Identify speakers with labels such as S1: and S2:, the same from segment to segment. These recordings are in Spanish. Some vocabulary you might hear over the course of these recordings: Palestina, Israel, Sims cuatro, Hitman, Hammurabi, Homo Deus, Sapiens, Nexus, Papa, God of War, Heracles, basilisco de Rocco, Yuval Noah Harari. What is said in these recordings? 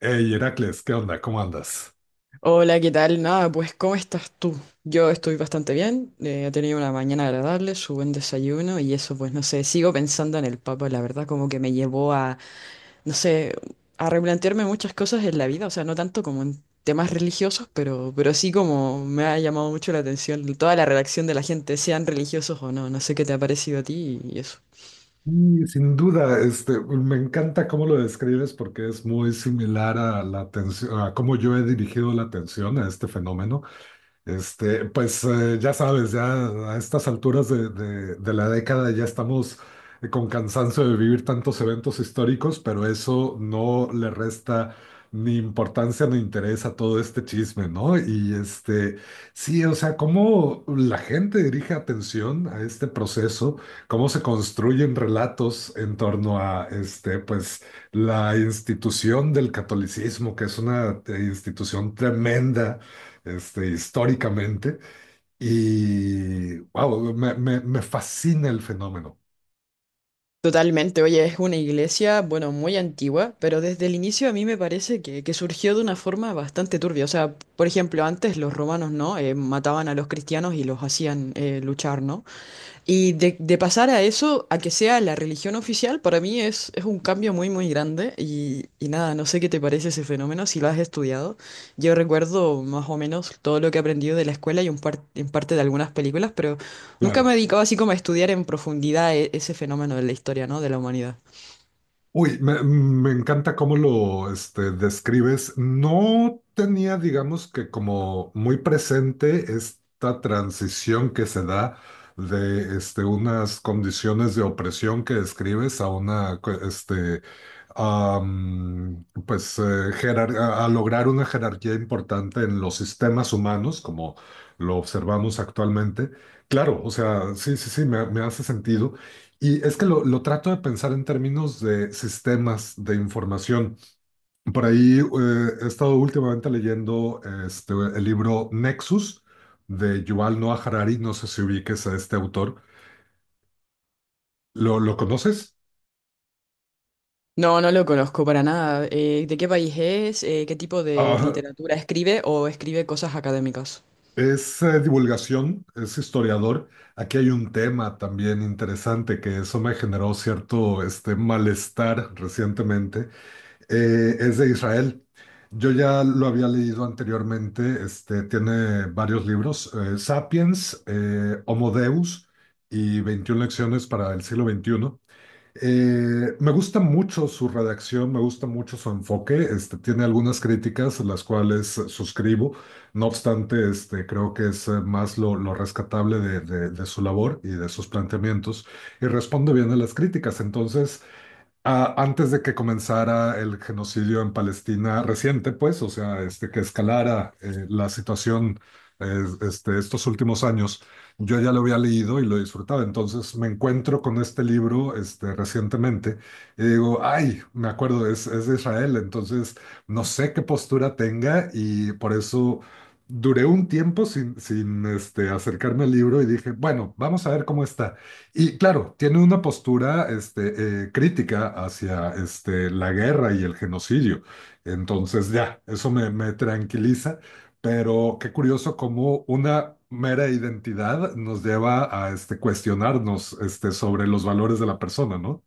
S1: Hey, Heracles, ¿qué onda? ¿Cómo andas?
S2: Hola, ¿qué tal? Nada, pues ¿cómo estás tú? Yo estoy bastante bien, he tenido una mañana agradable, su buen desayuno y eso, pues no sé, sigo pensando en el Papa, la verdad, como que me llevó a, no sé, a replantearme muchas cosas en la vida, o sea, no tanto como en temas religiosos, pero sí como me ha llamado mucho la atención toda la reacción de la gente, sean religiosos o no, no sé qué te ha parecido a ti y eso.
S1: Y sin duda, me encanta cómo lo describes porque es muy similar a la atención, a cómo yo he dirigido la atención a este fenómeno. Ya sabes, ya a estas alturas de la década ya estamos con cansancio de vivir tantos eventos históricos, pero eso no le resta ni importancia ni interés a todo este chisme, ¿no? Y sí, o sea, cómo la gente dirige atención a este proceso, cómo se construyen relatos en torno a este, pues, la institución del catolicismo, que es una institución tremenda, este, históricamente. Y, wow, me fascina el fenómeno,
S2: Totalmente, oye, es una iglesia, bueno, muy antigua, pero desde el inicio a mí me parece que surgió de una forma bastante turbia. O sea, por ejemplo, antes los romanos, ¿no? Mataban a los cristianos y los hacían luchar, ¿no? Y de pasar a eso, a que sea la religión oficial, para mí es un cambio muy, muy grande. Y nada, no sé qué te parece ese fenómeno, si lo has estudiado. Yo recuerdo más o menos todo lo que he aprendido de la escuela y en parte de algunas películas, pero nunca me
S1: claro.
S2: he dedicado así como a estudiar en profundidad ese fenómeno de la historia, ¿no? De la humanidad.
S1: Uy, me encanta cómo lo, describes. No tenía, digamos que como muy presente esta transición que se da de, unas condiciones de opresión que describes a una, a, a lograr una jerarquía importante en los sistemas humanos, como lo observamos actualmente. Claro, o sea, sí, sí, sí, me hace sentido. Y es que lo trato de pensar en términos de sistemas de información. Por ahí he estado últimamente leyendo el libro Nexus de Yuval Noah Harari. No sé si ubiques a este autor. Lo conoces?
S2: No, no lo conozco para nada. ¿De qué país es? ¿Qué tipo de
S1: Ah,
S2: literatura escribe o escribe cosas académicas?
S1: es divulgación, es historiador. Aquí hay un tema también interesante que eso me generó cierto, malestar recientemente. Es de Israel. Yo ya lo había leído anteriormente, tiene varios libros, Sapiens, Homo Deus y 21 lecciones para el siglo XXI. Me gusta mucho su redacción, me gusta mucho su enfoque. Este, tiene algunas críticas, las cuales suscribo. No obstante, creo que es más lo rescatable de su labor y de sus planteamientos. Y responde bien a las críticas. Entonces, ah, antes de que comenzara el genocidio en Palestina reciente, pues, o sea, que escalara la situación estos últimos años, yo ya lo había leído y lo disfrutaba. Entonces me encuentro con este libro, recientemente y digo, ay, me acuerdo, es de Israel, entonces no sé qué postura tenga y por eso duré un tiempo sin acercarme al libro y dije, bueno, vamos a ver cómo está. Y claro, tiene una postura, crítica hacia la guerra y el genocidio. Entonces, ya, eso me tranquiliza, pero qué curioso cómo una mera identidad nos lleva a, cuestionarnos, sobre los valores de la persona, ¿no?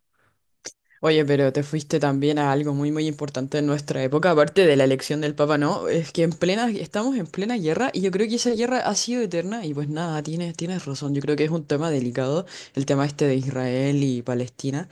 S2: Oye, pero te fuiste también a algo muy, muy importante en nuestra época, aparte de la elección del Papa, ¿no? Es que en plena, estamos en plena guerra y yo creo que esa guerra ha sido eterna y pues nada, tienes, tienes razón, yo creo que es un tema delicado, el tema este de Israel y Palestina.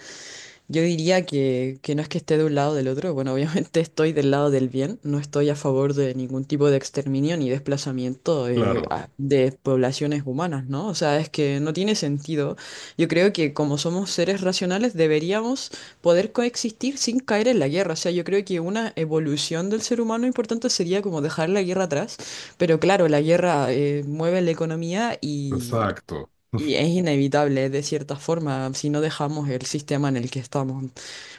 S2: Yo diría que no es que esté de un lado o del otro, bueno, obviamente estoy del lado del bien, no estoy a favor de ningún tipo de exterminio ni desplazamiento
S1: Claro,
S2: de poblaciones humanas, ¿no? O sea, es que no tiene sentido. Yo creo que como somos seres racionales deberíamos poder coexistir sin caer en la guerra. O sea, yo creo que una evolución del ser humano importante sería como dejar la guerra atrás, pero claro, la guerra mueve la economía y...
S1: exacto.
S2: Y es inevitable de cierta forma si no dejamos el sistema en el que estamos.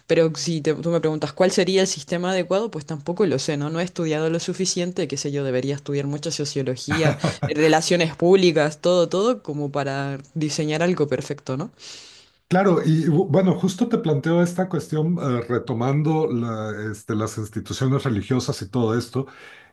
S2: Pero si te- tú me preguntas cuál sería el sistema adecuado, pues tampoco lo sé, ¿no? No he estudiado lo suficiente, qué sé yo, debería estudiar mucha sociología, relaciones públicas, todo, todo, como para diseñar algo perfecto, ¿no?
S1: Claro, y bueno, justo te planteo esta cuestión retomando las instituciones religiosas y todo esto,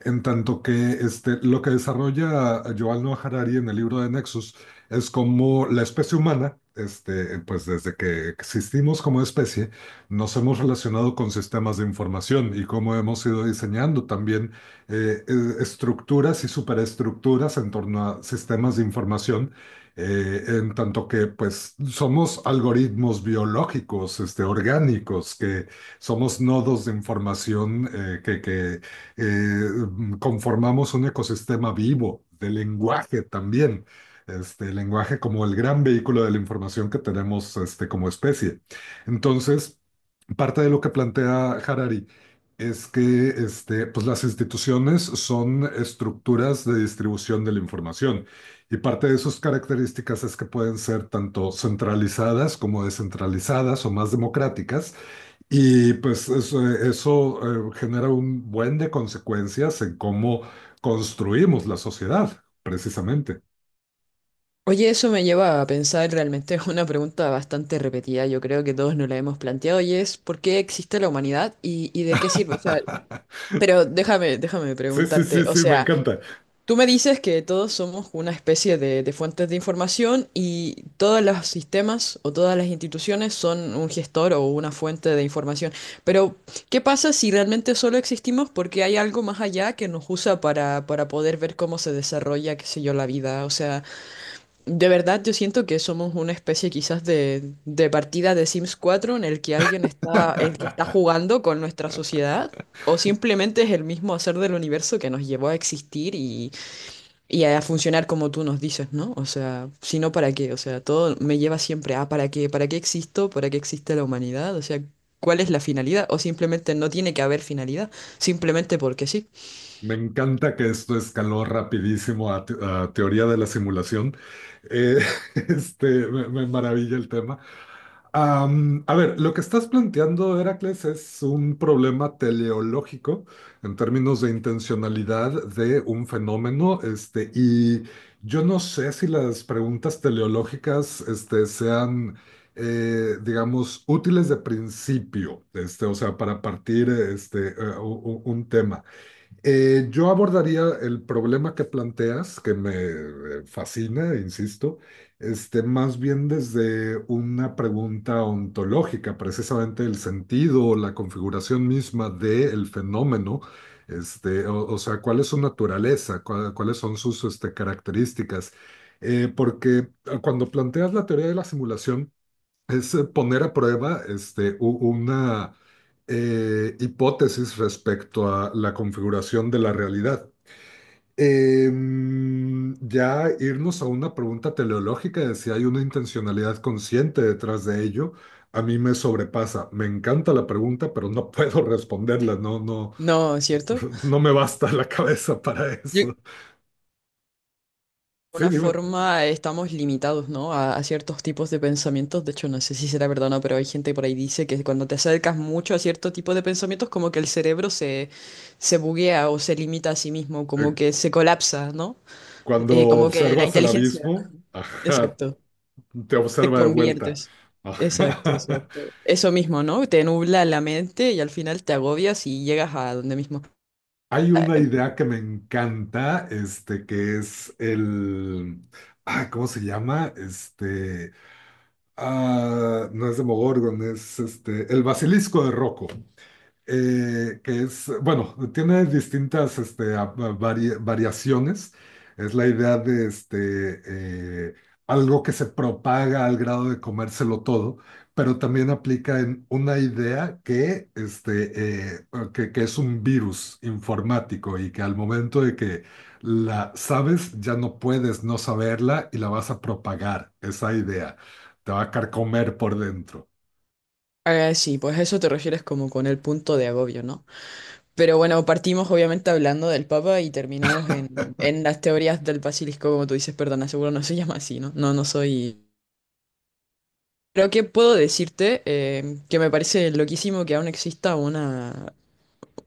S1: en tanto que lo que desarrolla Yuval Noah Harari en el libro de Nexus es como la especie humana, pues desde que existimos como especie, nos hemos relacionado con sistemas de información y cómo hemos ido diseñando también eh, eh, estructuras y superestructuras en torno a sistemas de información, en tanto que pues somos algoritmos biológicos, orgánicos, que somos nodos de información, que eh, conformamos un ecosistema vivo de lenguaje también. Este, el lenguaje como el gran vehículo de la información que tenemos, como especie. Entonces, parte de lo que plantea Harari es que, pues las instituciones son estructuras de distribución de la información y parte de sus características es que pueden ser tanto centralizadas como descentralizadas o más democráticas y pues eso, genera un buen de consecuencias en cómo construimos la sociedad, precisamente.
S2: Oye, eso me lleva a pensar realmente es una pregunta bastante repetida, yo creo que todos nos la hemos planteado, y es ¿por qué existe la humanidad y de qué sirve? O sea, pero déjame
S1: Sí, sí,
S2: preguntarte,
S1: sí,
S2: o
S1: sí, me
S2: sea,
S1: encanta.
S2: tú me dices que todos somos una especie de fuentes de información y todos los sistemas o todas las instituciones son un gestor o una fuente de información. Pero, ¿qué pasa si realmente solo existimos porque hay algo más allá que nos usa para poder ver cómo se desarrolla, qué sé yo, la vida? O sea, de verdad yo siento que somos una especie quizás de partida de Sims cuatro en el que alguien está, el que está jugando con nuestra sociedad. O simplemente es el mismo hacer del universo que nos llevó a existir y a funcionar como tú nos dices, ¿no? O sea, si no, ¿para qué? O sea, todo me lleva siempre a ¿para qué? ¿Para qué existo? ¿Para qué existe la humanidad? O sea, ¿cuál es la finalidad? O simplemente no tiene que haber finalidad, simplemente porque sí.
S1: Me encanta que esto escaló rapidísimo a, a teoría de la simulación. Eh, me maravilla el tema. Am, a ver, lo que estás planteando, Heracles, es un problema teleológico en términos de intencionalidad de un fenómeno, y yo no sé si las preguntas teleológicas, sean, digamos, útiles de principio, o sea, para partir, un tema. Yo abordaría el problema que planteas, que me fascina, insisto, más bien desde una pregunta ontológica, precisamente el sentido o la configuración misma del fenómeno, o sea, cuál es su naturaleza. ¿Cuáles son sus, características? Porque cuando planteas la teoría de la simulación, es, poner a prueba, una hipótesis respecto a la configuración de la realidad. Ya irnos a una pregunta teleológica de si hay una intencionalidad consciente detrás de ello, a mí me sobrepasa. Me encanta la pregunta, pero no puedo responderla, no, no,
S2: No, ¿es cierto?
S1: no me basta la cabeza para eso.
S2: De
S1: Sí,
S2: alguna
S1: dime.
S2: forma estamos limitados, ¿no? A ciertos tipos de pensamientos. De hecho, no sé si será verdad o no, pero hay gente por ahí dice que cuando te acercas mucho a cierto tipo de pensamientos, como que el cerebro se, se buguea o se limita a sí mismo, como
S1: Eh,
S2: que se colapsa, ¿no?
S1: Cuando
S2: Como que la
S1: observas el
S2: inteligencia.
S1: abismo, ajá,
S2: Exacto,
S1: te
S2: te
S1: observa de vuelta.
S2: conviertes. Exacto,
S1: Ajá.
S2: exacto. Eso mismo, ¿no? Te nubla la mente y al final te agobias y llegas a donde mismo.
S1: Hay una idea que me encanta, que es el, ah, ¿cómo se llama? No es de Demogorgon, el basilisco de Rocco, que es, bueno, tiene distintas, variaciones. Es la idea de, eh, algo que se propaga al grado de comérselo todo, pero también aplica en una idea que es un virus informático y que al momento de que la sabes, ya no puedes no saberla y la vas a propagar, esa idea. Te va a carcomer por dentro.
S2: Ah, sí, pues a eso te refieres como con el punto de agobio, ¿no? Pero bueno, partimos obviamente hablando del Papa y terminamos en las teorías del basilisco, como tú dices, perdona, seguro no se llama así, ¿no? No, no soy... Creo que puedo decirte que me parece loquísimo que aún exista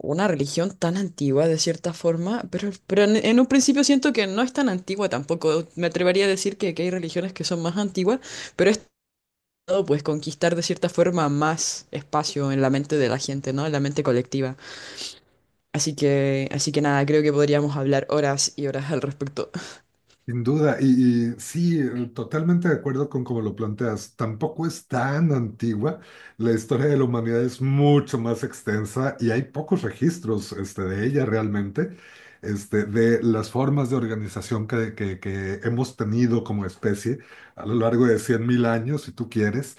S2: una religión tan antigua de cierta forma, pero en un principio siento que no es tan antigua tampoco. Me atrevería a decir que hay religiones que son más antiguas, pero es todo pues conquistar de cierta forma más espacio en la mente de la gente, ¿no? En la mente colectiva. Así que nada, creo que podríamos hablar horas y horas al respecto.
S1: Sin duda, y sí, totalmente de acuerdo con cómo lo planteas. Tampoco es tan antigua. La historia de la humanidad es mucho más extensa y hay pocos registros, de ella realmente, de las formas de organización que hemos tenido como especie a lo largo de 100.000 años, si tú quieres.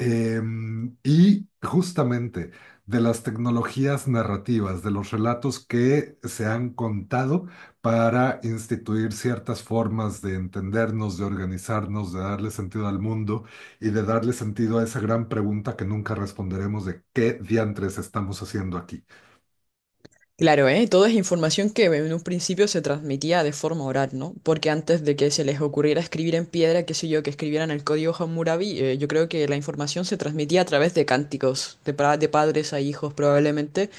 S1: Y justamente de las tecnologías narrativas, de los relatos que se han contado para instituir ciertas formas de entendernos, de organizarnos, de darle sentido al mundo y de darle sentido a esa gran pregunta que nunca responderemos de qué diantres estamos haciendo aquí.
S2: Claro, ¿eh? Todo es información que en un principio se transmitía de forma oral, ¿no? Porque antes de que se les ocurriera escribir en piedra, qué sé yo, que escribieran el código Hammurabi, yo creo que la información se transmitía a través de cánticos, de, de padres a hijos probablemente,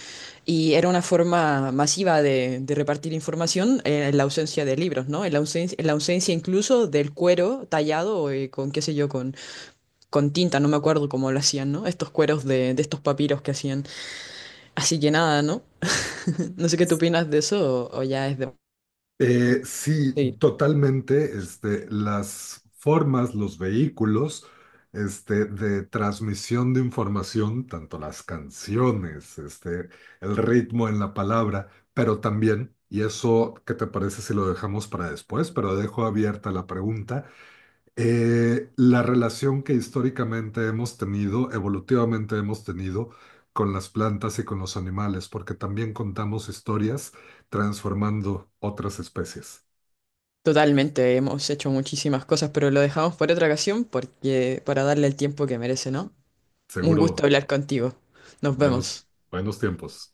S2: y era una forma masiva de repartir información en la ausencia de libros, ¿no? En la ausencia incluso del cuero tallado con, qué sé yo, con tinta, no me acuerdo cómo lo hacían, ¿no? Estos cueros de estos papiros que hacían. Así que nada, ¿no? No sé qué tú opinas de eso o ya es de...
S1: Sí,
S2: Sí,
S1: totalmente, las formas, los vehículos. Este, de transmisión de información, tanto las canciones, el ritmo en la palabra, pero también, y eso, ¿qué te parece si lo dejamos para después? Pero dejo abierta la pregunta, la relación que históricamente hemos tenido, evolutivamente hemos tenido con las plantas y con los animales, porque también contamos historias transformando otras especies.
S2: totalmente, hemos hecho muchísimas cosas, pero lo dejamos por otra ocasión porque para darle el tiempo que merece, ¿no? Un gusto
S1: Seguro,
S2: hablar contigo. Nos
S1: buenos,
S2: vemos.
S1: buenos tiempos.